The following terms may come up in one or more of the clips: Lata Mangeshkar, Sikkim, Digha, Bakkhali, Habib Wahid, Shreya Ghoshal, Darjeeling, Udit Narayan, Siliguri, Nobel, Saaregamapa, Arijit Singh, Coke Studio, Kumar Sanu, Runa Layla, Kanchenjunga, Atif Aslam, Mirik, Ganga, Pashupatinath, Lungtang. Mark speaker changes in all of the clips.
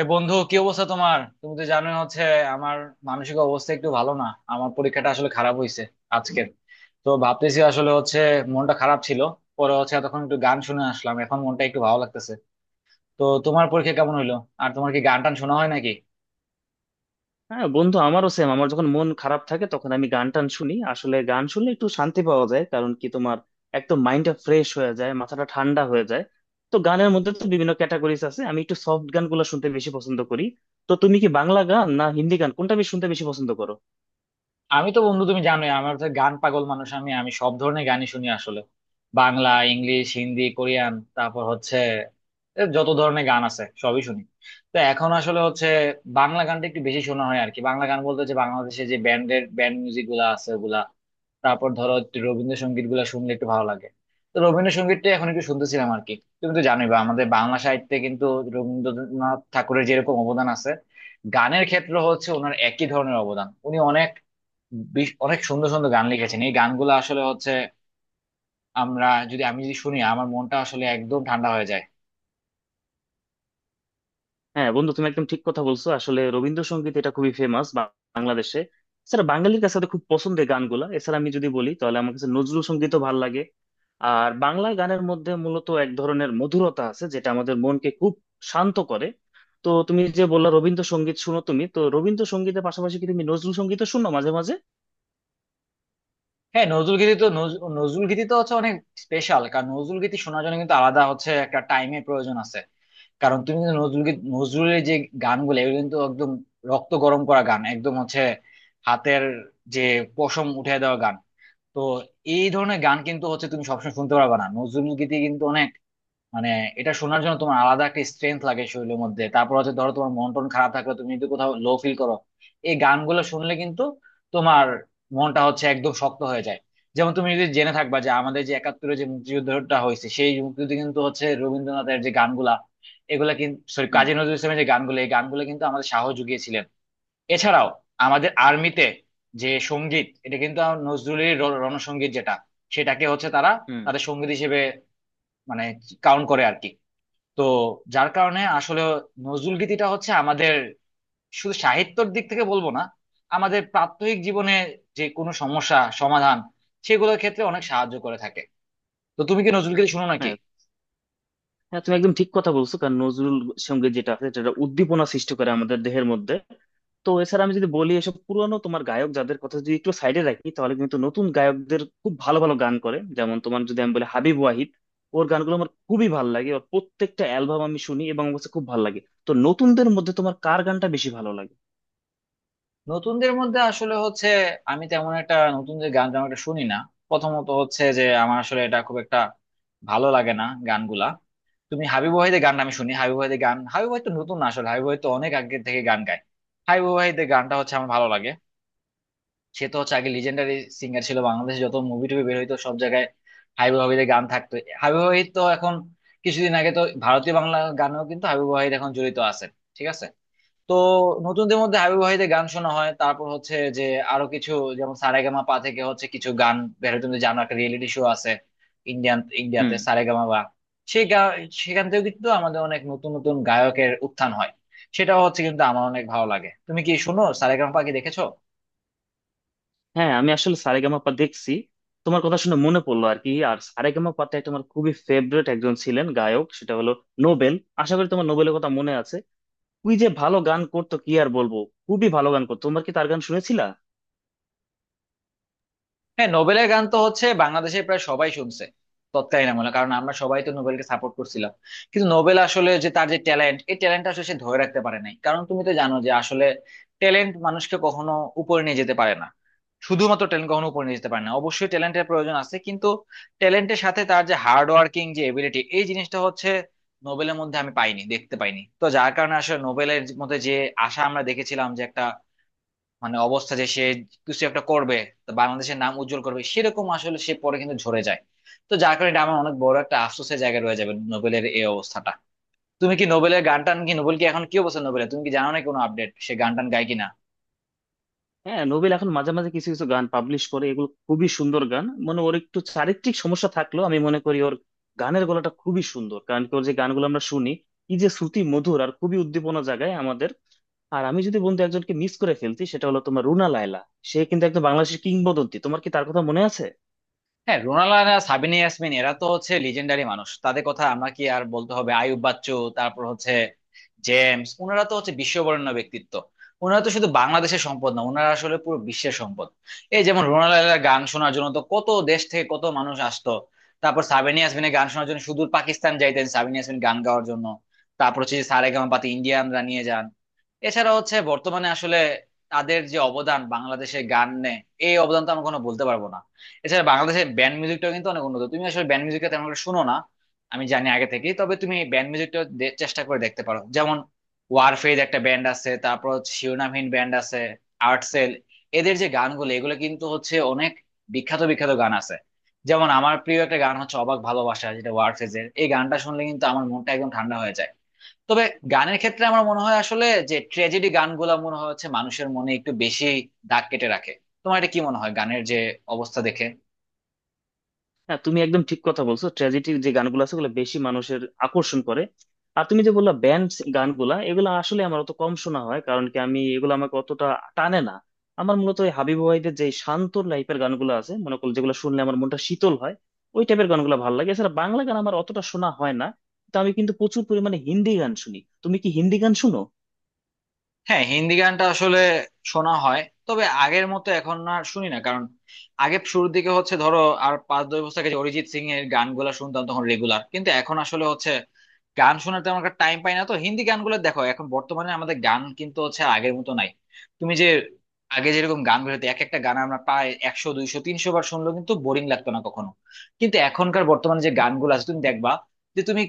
Speaker 1: এ বন্ধু, কি অবস্থা তোমার? তুমি তো জানোই হচ্ছে আমার মানসিক অবস্থা একটু ভালো না। আমার পরীক্ষাটা আসলে খারাপ হয়েছে আজকের। তো ভাবতেছি আসলে হচ্ছে মনটা খারাপ ছিল, পরে হচ্ছে তখন একটু গান শুনে আসলাম, এখন মনটা একটু ভালো লাগতেছে। তো তোমার পরীক্ষা কেমন হইলো? আর তোমার কি গান টান শোনা হয় নাকি?
Speaker 2: হ্যাঁ বন্ধু, আমারও সেম। আমার যখন মন খারাপ থাকে তখন আমি গান টান শুনি। আসলে গান শুনলে একটু শান্তি পাওয়া যায়। কারণ কি তোমার একদম মাইন্ডটা ফ্রেশ হয়ে যায়, মাথাটা ঠান্ডা হয়ে যায়। তো গানের মধ্যে তো বিভিন্ন ক্যাটাগরিজ আছে, আমি একটু সফট গানগুলো শুনতে বেশি পছন্দ করি। তো তুমি কি বাংলা গান না হিন্দি গান কোনটা বেশি শুনতে বেশি পছন্দ করো?
Speaker 1: আমি তো বন্ধু তুমি জানোই আমার হচ্ছে গান পাগল মানুষ। আমি আমি সব ধরনের গানই শুনি আসলে। বাংলা, ইংলিশ, হিন্দি, কোরিয়ান, তারপর হচ্ছে এ যত ধরনের গান আছে সবই শুনি। তো এখন আসলে হচ্ছে বাংলা গানটা একটু বেশি শোনা হয় আর কি। বাংলা গান বলতে হচ্ছে বাংলাদেশে যে ব্যান্ডের ব্যান্ড মিউজিক গুলা আছে ওগুলা। তারপর ধরো একটু রবীন্দ্রসঙ্গীত গুলা শুনলে একটু ভালো লাগে। তো রবীন্দ্রসঙ্গীতটা এখন একটু শুনতেছিলাম আর কি। তুমি তো জানোই বা আমাদের বাংলা সাহিত্যে কিন্তু রবীন্দ্রনাথ ঠাকুরের যেরকম অবদান আছে, গানের ক্ষেত্রে হচ্ছে ওনার একই ধরনের অবদান। উনি অনেক, বেশ অনেক সুন্দর সুন্দর গান লিখেছেন। এই গানগুলো আসলে হচ্ছে আমরা যদি আমি যদি শুনি আমার মনটা আসলে একদম ঠান্ডা হয়ে যায়।
Speaker 2: হ্যাঁ বন্ধু, তুমি একদম ঠিক কথা বলছো। আসলে রবীন্দ্রসঙ্গীত এটা খুবই ফেমাস বাংলাদেশে। এছাড়া বাঙালির কাছে তো খুব পছন্দের গানগুলা। এছাড়া আমি যদি বলি তাহলে আমার কাছে নজরুল সঙ্গীতও ভালো লাগে। আর বাংলা গানের মধ্যে মূলত এক ধরনের মধুরতা আছে, যেটা আমাদের মনকে খুব শান্ত করে। তো তুমি যে বললা রবীন্দ্রসঙ্গীত শুনো, তুমি তো রবীন্দ্রসঙ্গীতের পাশাপাশি কি তুমি নজরুল সঙ্গীতও শুনো মাঝে মাঝে?
Speaker 1: হ্যাঁ, নজরুল গীতি তো নজরুল গীতি তো হচ্ছে অনেক স্পেশাল। কারণ নজরুল গীতি শোনার জন্য কিন্তু আলাদা হচ্ছে একটা টাইমের প্রয়োজন আছে। কারণ তুমি কিন্তু নজরুল গীত, নজরুলের যে গানগুলো এগুলো কিন্তু একদম রক্ত গরম করা গান, একদম হচ্ছে হাতের যে পশম উঠে দেওয়া গান। তো এই ধরনের গান কিন্তু হচ্ছে তুমি সবসময় শুনতে পারবে না নজরুল গীতি কিন্তু, মানে এটা শোনার জন্য তোমার আলাদা একটা স্ট্রেংথ লাগে শরীরের মধ্যে। তারপর হচ্ছে ধরো তোমার মন টন খারাপ থাকলে তুমি যদি কোথাও লো ফিল করো, এই গানগুলো শুনলে কিন্তু তোমার মনটা হচ্ছে একদম শক্ত হয়ে যায়। যেমন তুমি যদি জেনে থাকবা যে আমাদের যে একাত্তরে যে মুক্তিযুদ্ধটা হয়েছে, সেই মুক্তিযুদ্ধে কিন্তু হচ্ছে রবীন্দ্রনাথের যে গানগুলা, এগুলা কিন্তু, সরি,
Speaker 2: হুম।
Speaker 1: কাজী নজরুল ইসলামের যে গানগুলো, এই গানগুলো কিন্তু আমাদের সাহস জুগিয়েছিলেন। এছাড়াও আমাদের আর্মিতে যে সঙ্গীত, এটা কিন্তু আমার নজরুলের রণসঙ্গীত যেটা, সেটাকে হচ্ছে তারা
Speaker 2: হুম।
Speaker 1: তাদের সঙ্গীত হিসেবে, মানে, কাউন্ট করে আর কি। তো যার কারণে আসলে নজরুল গীতিটা হচ্ছে আমাদের শুধু সাহিত্যর দিক থেকে বলবো না, আমাদের প্রাত্যহিক জীবনে যে কোনো সমস্যা সমাধান সেগুলোর ক্ষেত্রে অনেক সাহায্য করে থাকে। তো তুমি কি নজরুল গীতি শুনো নাকি?
Speaker 2: হ্যাঁ। হ্যাঁ, তুমি একদম ঠিক কথা বলছো। কারণ নজরুল সঙ্গীত যেটা আছে সেটা একটা উদ্দীপনা সৃষ্টি করে আমাদের দেহের মধ্যে। তো এছাড়া আমি যদি বলি, এসব পুরনো তোমার গায়ক যাদের কথা যদি একটু সাইডে রাখি তাহলে কিন্তু নতুন গায়কদের খুব ভালো ভালো গান করে। যেমন তোমার যদি আমি বলি হাবিব ওয়াহিদ, ওর গানগুলো আমার খুবই ভালো লাগে। ওর প্রত্যেকটা অ্যালবাম আমি শুনি এবং আমার কাছে খুব ভালো লাগে। তো নতুনদের মধ্যে তোমার কার গানটা বেশি ভালো লাগে?
Speaker 1: নতুনদের মধ্যে আসলে হচ্ছে আমি তেমন একটা নতুন যে গান তেমন একটা শুনি না। প্রথমত হচ্ছে যে আমার আসলে এটা খুব একটা ভালো লাগে না গানগুলা। তুমি হাবিব ওয়াহিদের গান আমি শুনি, হাবিব ওয়াহিদের গান, হাবিব ওয়াহিদ তো নতুন না আসলে। হাবিব ওয়াহিদ তো অনেক আগে থেকে গান গায়। হাবিব ওয়াহিদের গানটা হচ্ছে আমার ভালো লাগে। সে তো হচ্ছে আগে লিজেন্ডারি সিঙ্গার ছিল, বাংলাদেশে যত মুভি টুভি বের হইতো সব জায়গায় হাবিব ওয়াহিদের গান থাকতো। হাবিব ওয়াহিদ তো এখন কিছুদিন আগে তো ভারতীয় বাংলা গানেও কিন্তু হাবিব ওয়াহিদ এখন জড়িত আছে। ঠিক আছে। তো নতুনদের মধ্যে হাবিব ওয়াহিদের গান শোনা হয়। তারপর হচ্ছে যে আরো কিছু, যেমন সারেগামা পা থেকে হচ্ছে কিছু গান বের হয়। তুমি জানো একটা রিয়েলিটি শো আছে ইন্ডিয়ান, ইন্ডিয়াতে
Speaker 2: হুম।
Speaker 1: সারেগামা বা, সেই গা- সেখান থেকেও কিন্তু আমাদের অনেক নতুন নতুন গায়কের উত্থান হয়। সেটাও হচ্ছে কিন্তু আমার অনেক ভালো লাগে। তুমি কি শুনো, সারেগামা পা কি দেখেছো?
Speaker 2: হ্যাঁ, আমি আসলে সারেগামাপা দেখছি। তোমার কথা শুনে মনে পড়লো আর কি, আর সারেগামাপাতে একটা আমার খুবই ফেভারিট একজন ছিলেন গায়ক, সেটা হলো নোবেল। আশা করি তোমার নোবেলের কথা মনে আছে। ওই যে ভালো গান করতো, কি আর বলবো, খুবই ভালো গান করতো। তোমরা কি তার গান শুনেছিলা?
Speaker 1: হ্যাঁ, নোবেলের গান তো হচ্ছে বাংলাদেশে প্রায় সবাই শুনছে তৎকালীন আমলে, কারণ আমরা সবাই তো নোবেলকে সাপোর্ট করছিলাম। কিন্তু নোবেল আসলে যে তার যে ট্যালেন্ট, এই ট্যালেন্টটা আসলে সে ধরে রাখতে পারে নাই, কারণ তুমি তো জানো যে আসলে ট্যালেন্ট মানুষকে কখনো উপরে নিয়ে যেতে পারে না, শুধুমাত্র ট্যালেন্ট কখনো উপরে নিয়ে যেতে পারে না। অবশ্যই ট্যালেন্টের প্রয়োজন আছে কিন্তু ট্যালেন্টের সাথে তার যে হার্ড ওয়ার্কিং যে এবিলিটি এই জিনিসটা হচ্ছে নোবেলের মধ্যে আমি পাইনি, দেখতে পাইনি। তো যার কারণে আসলে নোবেলের মধ্যে যে আশা আমরা দেখেছিলাম যে একটা, মানে, অবস্থা যে সে কিছু একটা করবে, তো বাংলাদেশের নাম উজ্জ্বল করবে, সেরকম আসলে সে পরে কিন্তু ঝরে যায়। তো যার কারণে এটা আমার অনেক বড় একটা আফসোসের জায়গায় রয়ে যাবে নোবেলের এই অবস্থাটা। তুমি কি নোবেলের গান টান, কি নোবেল কি এখন কি অবস্থা নোবেলের, তুমি কি জানো না কোনো আপডেট? সে গান টান গায় কিনা?
Speaker 2: হ্যাঁ, নোবেল এখন মাঝে মাঝে কিছু কিছু গান পাবলিশ করে, এগুলো খুবই সুন্দর গান। মানে ওর একটু চারিত্রিক সমস্যা থাকলেও আমি মনে করি ওর গানের গলাটা খুবই সুন্দর। কারণ কি ওর যে গানগুলো আমরা শুনি, কি যে শ্রুতি মধুর, আর খুবই উদ্দীপনা জাগায় আমাদের। আর আমি যদি বন্ধু একজনকে মিস করে ফেলছি, সেটা হলো তোমার রুনা লায়লা। সে কিন্তু একদম বাংলাদেশের কিংবদন্তি। তোমার কি তার কথা মনে আছে?
Speaker 1: হ্যাঁ, রোনাল আর সাবিনা ইয়াসমিন এরা তো হচ্ছে লিজেন্ডারি মানুষ, তাদের কথা আমরা কি আর বলতে হবে? আইয়ুব বাচ্চু, তারপর হচ্ছে জেমস, ওনারা তো হচ্ছে বিশ্ববরেণ্য ব্যক্তিত্ব। ওনারা তো শুধু বাংলাদেশের সম্পদ না, ওনারা আসলে পুরো বিশ্বের সম্পদ। এই যেমন রোনাল আলার গান শোনার জন্য তো কত দেশ থেকে কত মানুষ আসতো। তারপর সাবিনা ইয়াসমিনের গান শোনার জন্য সুদূর পাকিস্তান যাইতেন সাবিনা ইয়াসমিন গান গাওয়ার জন্য। তারপর হচ্ছে সারেগামা পাতি ইন্ডিয়ানরা নিয়ে যান। এছাড়া হচ্ছে বর্তমানে আসলে তাদের যে অবদান বাংলাদেশের গানে, এই অবদান তো আমরা কোনো বলতে পারবো না। এছাড়া বাংলাদেশের ব্যান্ড মিউজিকটাও কিন্তু অনেক উন্নত। তুমি আসলে ব্যান্ড মিউজিকটা তেমন একটা শুনো না আমি জানি আগে থেকেই, তবে তুমি ব্যান্ড মিউজিকটা চেষ্টা করে দেখতে পারো। যেমন ওয়ারফেজ একটা ব্যান্ড আছে, তারপর হচ্ছে শিরোনামহীন ব্যান্ড আছে, আর্টসেল, এদের যে গানগুলো এগুলো কিন্তু হচ্ছে অনেক বিখ্যাত বিখ্যাত গান আছে। যেমন আমার প্রিয় একটা গান হচ্ছে অবাক ভালোবাসা, যেটা ওয়ারফেজের, এই গানটা শুনলে কিন্তু আমার মনটা একদম ঠান্ডা হয়ে যায়। তবে গানের ক্ষেত্রে আমার মনে হয় আসলে যে ট্র্যাজেডি গানগুলো মনে হয় হচ্ছে মানুষের মনে একটু বেশি দাগ কেটে রাখে। তোমার এটা কি মনে হয় গানের যে অবস্থা দেখে?
Speaker 2: হ্যাঁ, তুমি একদম ঠিক কথা বলছো। ট্র্যাজেডি যে গানগুলো আছে ওগুলো বেশি মানুষের আকর্ষণ করে। আর তুমি যে বললা ব্যান্ড গানগুলা, এগুলো আসলে আমার অত কম শোনা হয়। কারণ কি আমি এগুলো, আমাকে অতটা টানে না। আমার মূলত এই হাবিব ওয়াহিদের যে শান্ত টাইপের গানগুলো আছে, মনে করো যেগুলো শুনলে আমার মনটা শীতল হয়, ওই টাইপের গানগুলো ভালো লাগে। এছাড়া বাংলা গান আমার অতটা শোনা হয় না। তো আমি কিন্তু প্রচুর পরিমাণে হিন্দি গান শুনি। তুমি কি হিন্দি গান শুনো?
Speaker 1: হ্যাঁ, হিন্দি গানটা আসলে শোনা হয়, তবে আগের মতো এখন আর শুনি না। কারণ আগে শুরুর দিকে হচ্ছে ধরো আর 5-10 বছর আগে যে অরিজিৎ সিং এর গানগুলা শুনতাম তখন রেগুলার, কিন্তু এখন আসলে হচ্ছে গান শোনার তেমন একটা টাইম পাই না। তো হিন্দি গানগুলো দেখো এখন বর্তমানে আমাদের গান কিন্তু হচ্ছে আর আগের মতো নাই। তুমি যে আগে যেরকম গান বেরোতো এক একটা গান আমরা প্রায় 100, 200, 300 বার শুনলেও কিন্তু বোরিং লাগতো না কখনো। কিন্তু এখনকার বর্তমানে যে গানগুলো আছে তুমি দেখবা যে তুমি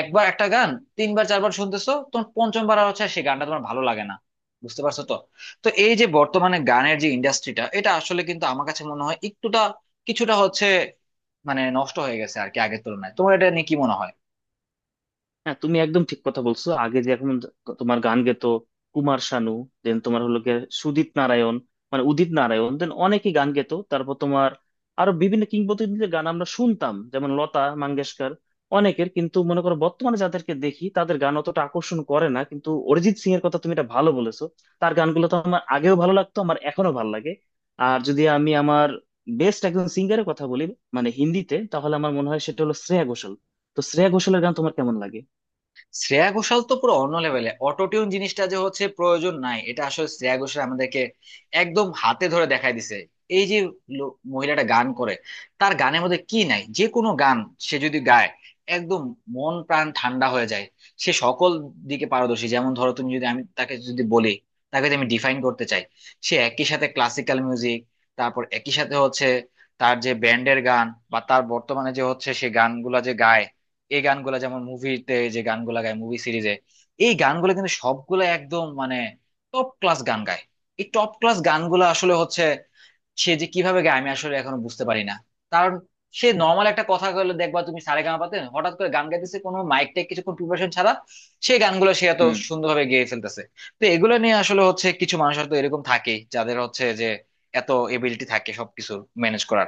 Speaker 1: একবার একটা গান তিনবার চারবার শুনতেছো, তোমার পঞ্চমবার আর হচ্ছে সেই গানটা তোমার ভালো লাগে না। বুঝতে পারছো তো? তো এই যে বর্তমানে গানের যে ইন্ডাস্ট্রিটা, এটা আসলে কিন্তু আমার কাছে মনে হয় একটুটা কিছুটা হচ্ছে, মানে, নষ্ট হয়ে গেছে আর কি আগের তুলনায়। তোমার এটা নিয়ে কি মনে হয়?
Speaker 2: হ্যাঁ, তুমি একদম ঠিক কথা বলছো। আগে যে এখন তোমার গান গেতো কুমার শানু, দেন তোমার হলো গিয়ে সুদীপ নারায়ণ, মানে উদিত নারায়ণ, দেন অনেকেই গান গেতো। তারপর তোমার আরো বিভিন্ন কিংবদন্তিদের গান আমরা শুনতাম, যেমন লতা মঙ্গেশকর, অনেকের। কিন্তু মনে করো বর্তমানে যাদেরকে দেখি তাদের গান অতটা আকর্ষণ করে না। কিন্তু অরিজিৎ সিং এর কথা তুমি এটা ভালো বলেছো। তার গানগুলো তো আমার আগেও ভালো লাগতো, আমার এখনো ভালো লাগে। আর যদি আমি আমার বেস্ট একজন সিঙ্গারের কথা বলি, মানে হিন্দিতে, তাহলে আমার মনে হয় সেটা হলো শ্রেয়া ঘোষাল। তো শ্রেয়া ঘোষালের গান তোমার কেমন লাগে?
Speaker 1: শ্রেয়া ঘোষাল তো পুরো অন্য লেভেলে, অটোটিউন জিনিসটা যে হচ্ছে প্রয়োজন নাই এটা আসলে শ্রেয়া ঘোষাল আমাদেরকে একদম হাতে ধরে দেখাই দিছে। এই যে মহিলাটা গান করে, তার গানের মধ্যে কি নাই? যে কোনো গান সে যদি গায়, একদম মন প্রাণ ঠান্ডা হয়ে যায়। সে সকল দিকে পারদর্শী। যেমন ধরো তুমি যদি, আমি তাকে যদি বলি, তাকে যদি আমি ডিফাইন করতে চাই, সে একই সাথে ক্লাসিক্যাল মিউজিক, তারপর একই সাথে হচ্ছে তার যে ব্যান্ডের গান বা তার বর্তমানে যে হচ্ছে সে গানগুলা যে গায়, এই গানগুলা যেমন মুভিতে যে গানগুলা গায় মুভি সিরিজে, এই গানগুলা কিন্তু সবগুলা একদম, মানে, টপ ক্লাস গান গায়। এই টপ ক্লাস গানগুলা আসলে হচ্ছে সে যে কিভাবে গায় আমি আসলে এখনো বুঝতে পারি না। কারণ সে নর্মাল একটা কথা বলে দেখবা তুমি সারেগামাপাতে হঠাৎ করে গান গাইতেছে কোনো মাইক টাইক, কিছুক্ষণ প্রিপারেশন ছাড়া সেই গানগুলো সে এত
Speaker 2: হুম।
Speaker 1: সুন্দরভাবে গেয়ে ফেলতেছে। তো এগুলো নিয়ে আসলে হচ্ছে কিছু মানুষ হয়তো এরকম থাকে যাদের হচ্ছে যে এত এবিলিটি থাকে সবকিছু ম্যানেজ করার।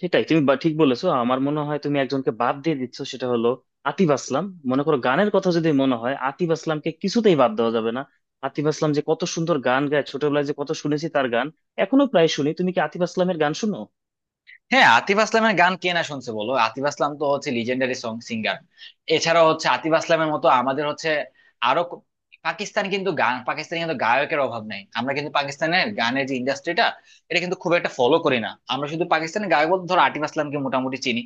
Speaker 2: সেটাই, তুমি ঠিক বলেছো। আমার মনে হয় তুমি একজনকে বাদ দিয়ে দিচ্ছ, সেটা হলো আতিফ আসলাম। মনে করো গানের কথা যদি মনে হয়, আতিফ আসলামকে কিছুতেই বাদ দেওয়া যাবে না। আতিফ আসলাম যে কত সুন্দর গান গায়, ছোটবেলায় যে কত শুনেছি তার গান, এখনো প্রায় শুনি। তুমি কি আতিফ আসলামের গান শুনো?
Speaker 1: হ্যাঁ, আতিফ আসলামের গান কে না শুনছে বলো? আতিফ আসলাম তো হচ্ছে লিজেন্ডারি সং সিঙ্গার। এছাড়া হচ্ছে আতিফ আসলামের মতো আমাদের হচ্ছে আরো পাকিস্তান কিন্তু গান, পাকিস্তানে কিন্তু গায়কের অভাব নাই। আমরা কিন্তু পাকিস্তানের গানের যে ইন্ডাস্ট্রিটা এটা কিন্তু খুব একটা ফলো করি না। আমরা শুধু পাকিস্তানের গায়ক বলতে ধরো আতিফ আসলামকে মোটামুটি চিনি।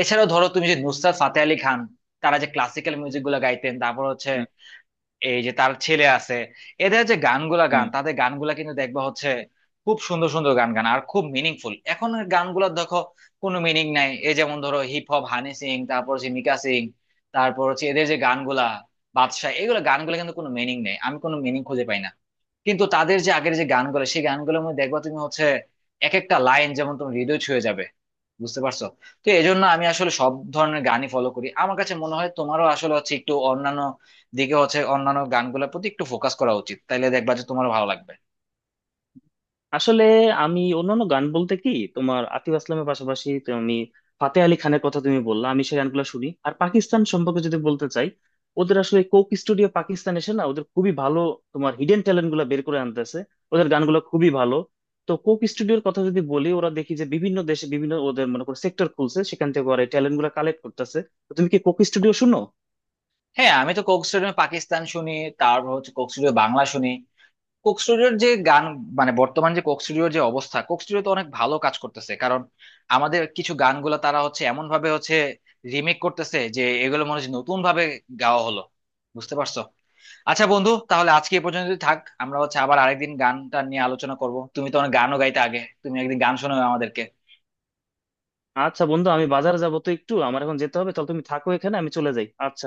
Speaker 1: এছাড়াও ধরো তুমি যে নুসরাত ফাতে আলী খান, তারা যে ক্লাসিক্যাল মিউজিক গুলো গাইতেন, তারপর হচ্ছে
Speaker 2: হুম।
Speaker 1: এই যে তার ছেলে আছে, এদের যে গানগুলা গান,
Speaker 2: হুম।
Speaker 1: তাদের গানগুলা কিন্তু দেখবা হচ্ছে খুব সুন্দর সুন্দর গান গান, আর খুব মিনিংফুল। এখন গানগুলা দেখো কোনো মিনিং নাই, এই যেমন ধরো হিপ হপ হানি সিং, তারপর হচ্ছে মিকা সিং, তারপর হচ্ছে এদের যে গানগুলা, বাদশা, এগুলো গানগুলা কিন্তু কোনো মিনিং নেই, আমি কোনো মিনিং খুঁজে পাই না। কিন্তু তাদের যে আগের যে গানগুলো সেই গানগুলোর মধ্যে দেখবা তুমি হচ্ছে এক একটা লাইন যেমন তুমি, হৃদয় ছুঁয়ে যাবে। বুঝতে পারছো তো? এই জন্য আমি আসলে সব ধরনের গানই ফলো করি। আমার কাছে মনে হয় তোমারও আসলে হচ্ছে একটু অন্যান্য দিকে হচ্ছে অন্যান্য গানগুলোর প্রতি একটু ফোকাস করা উচিত, তাইলে দেখবা যে তোমার ভালো লাগবে।
Speaker 2: আসলে আমি অন্যান্য গান বলতে কি, তোমার আতিফ আসলামের পাশাপাশি তুমি ফাতে আলি খানের কথা তুমি বললা, আমি সেই গানগুলো শুনি। আর পাকিস্তান সম্পর্কে যদি বলতে চাই, ওদের আসলে কোক স্টুডিও পাকিস্তান এসে না, ওদের খুবই ভালো তোমার হিডেন ট্যালেন্ট গুলা বের করে আনতেছে। ওদের গানগুলো খুবই ভালো। তো কোক স্টুডিওর কথা যদি বলি, ওরা দেখি যে বিভিন্ন দেশে বিভিন্ন ওদের মনে করো সেক্টর খুলছে, সেখান থেকে ওরা ট্যালেন্ট গুলা কালেক্ট করতেছে। তো তুমি কি কোক স্টুডিও শুনো?
Speaker 1: হ্যাঁ, আমি তো কোক স্টুডিও পাকিস্তান শুনি, তারপর হচ্ছে কোক স্টুডিও বাংলা শুনি। কোক স্টুডিওর যে গান, মানে, বর্তমান যে কোক স্টুডিওর যে অবস্থা, কোক স্টুডিও তো অনেক ভালো কাজ করতেছে, কারণ আমাদের কিছু গানগুলো তারা হচ্ছে এমন ভাবে হচ্ছে রিমেক করতেছে যে এগুলো মনে হচ্ছে নতুন ভাবে গাওয়া হলো। বুঝতে পারছো? আচ্ছা বন্ধু, তাহলে আজকে এ পর্যন্ত থাক। আমরা হচ্ছে আবার আরেকদিন গানটা নিয়ে আলোচনা করব। তুমি তো অনেক গানও গাইতে আগে, তুমি একদিন গান শোনাও আমাদেরকে।
Speaker 2: আচ্ছা বন্ধু, আমি বাজারে যাবো তো, একটু আমার এখন যেতে হবে। তাহলে তুমি থাকো এখানে, আমি চলে যাই। আচ্ছা।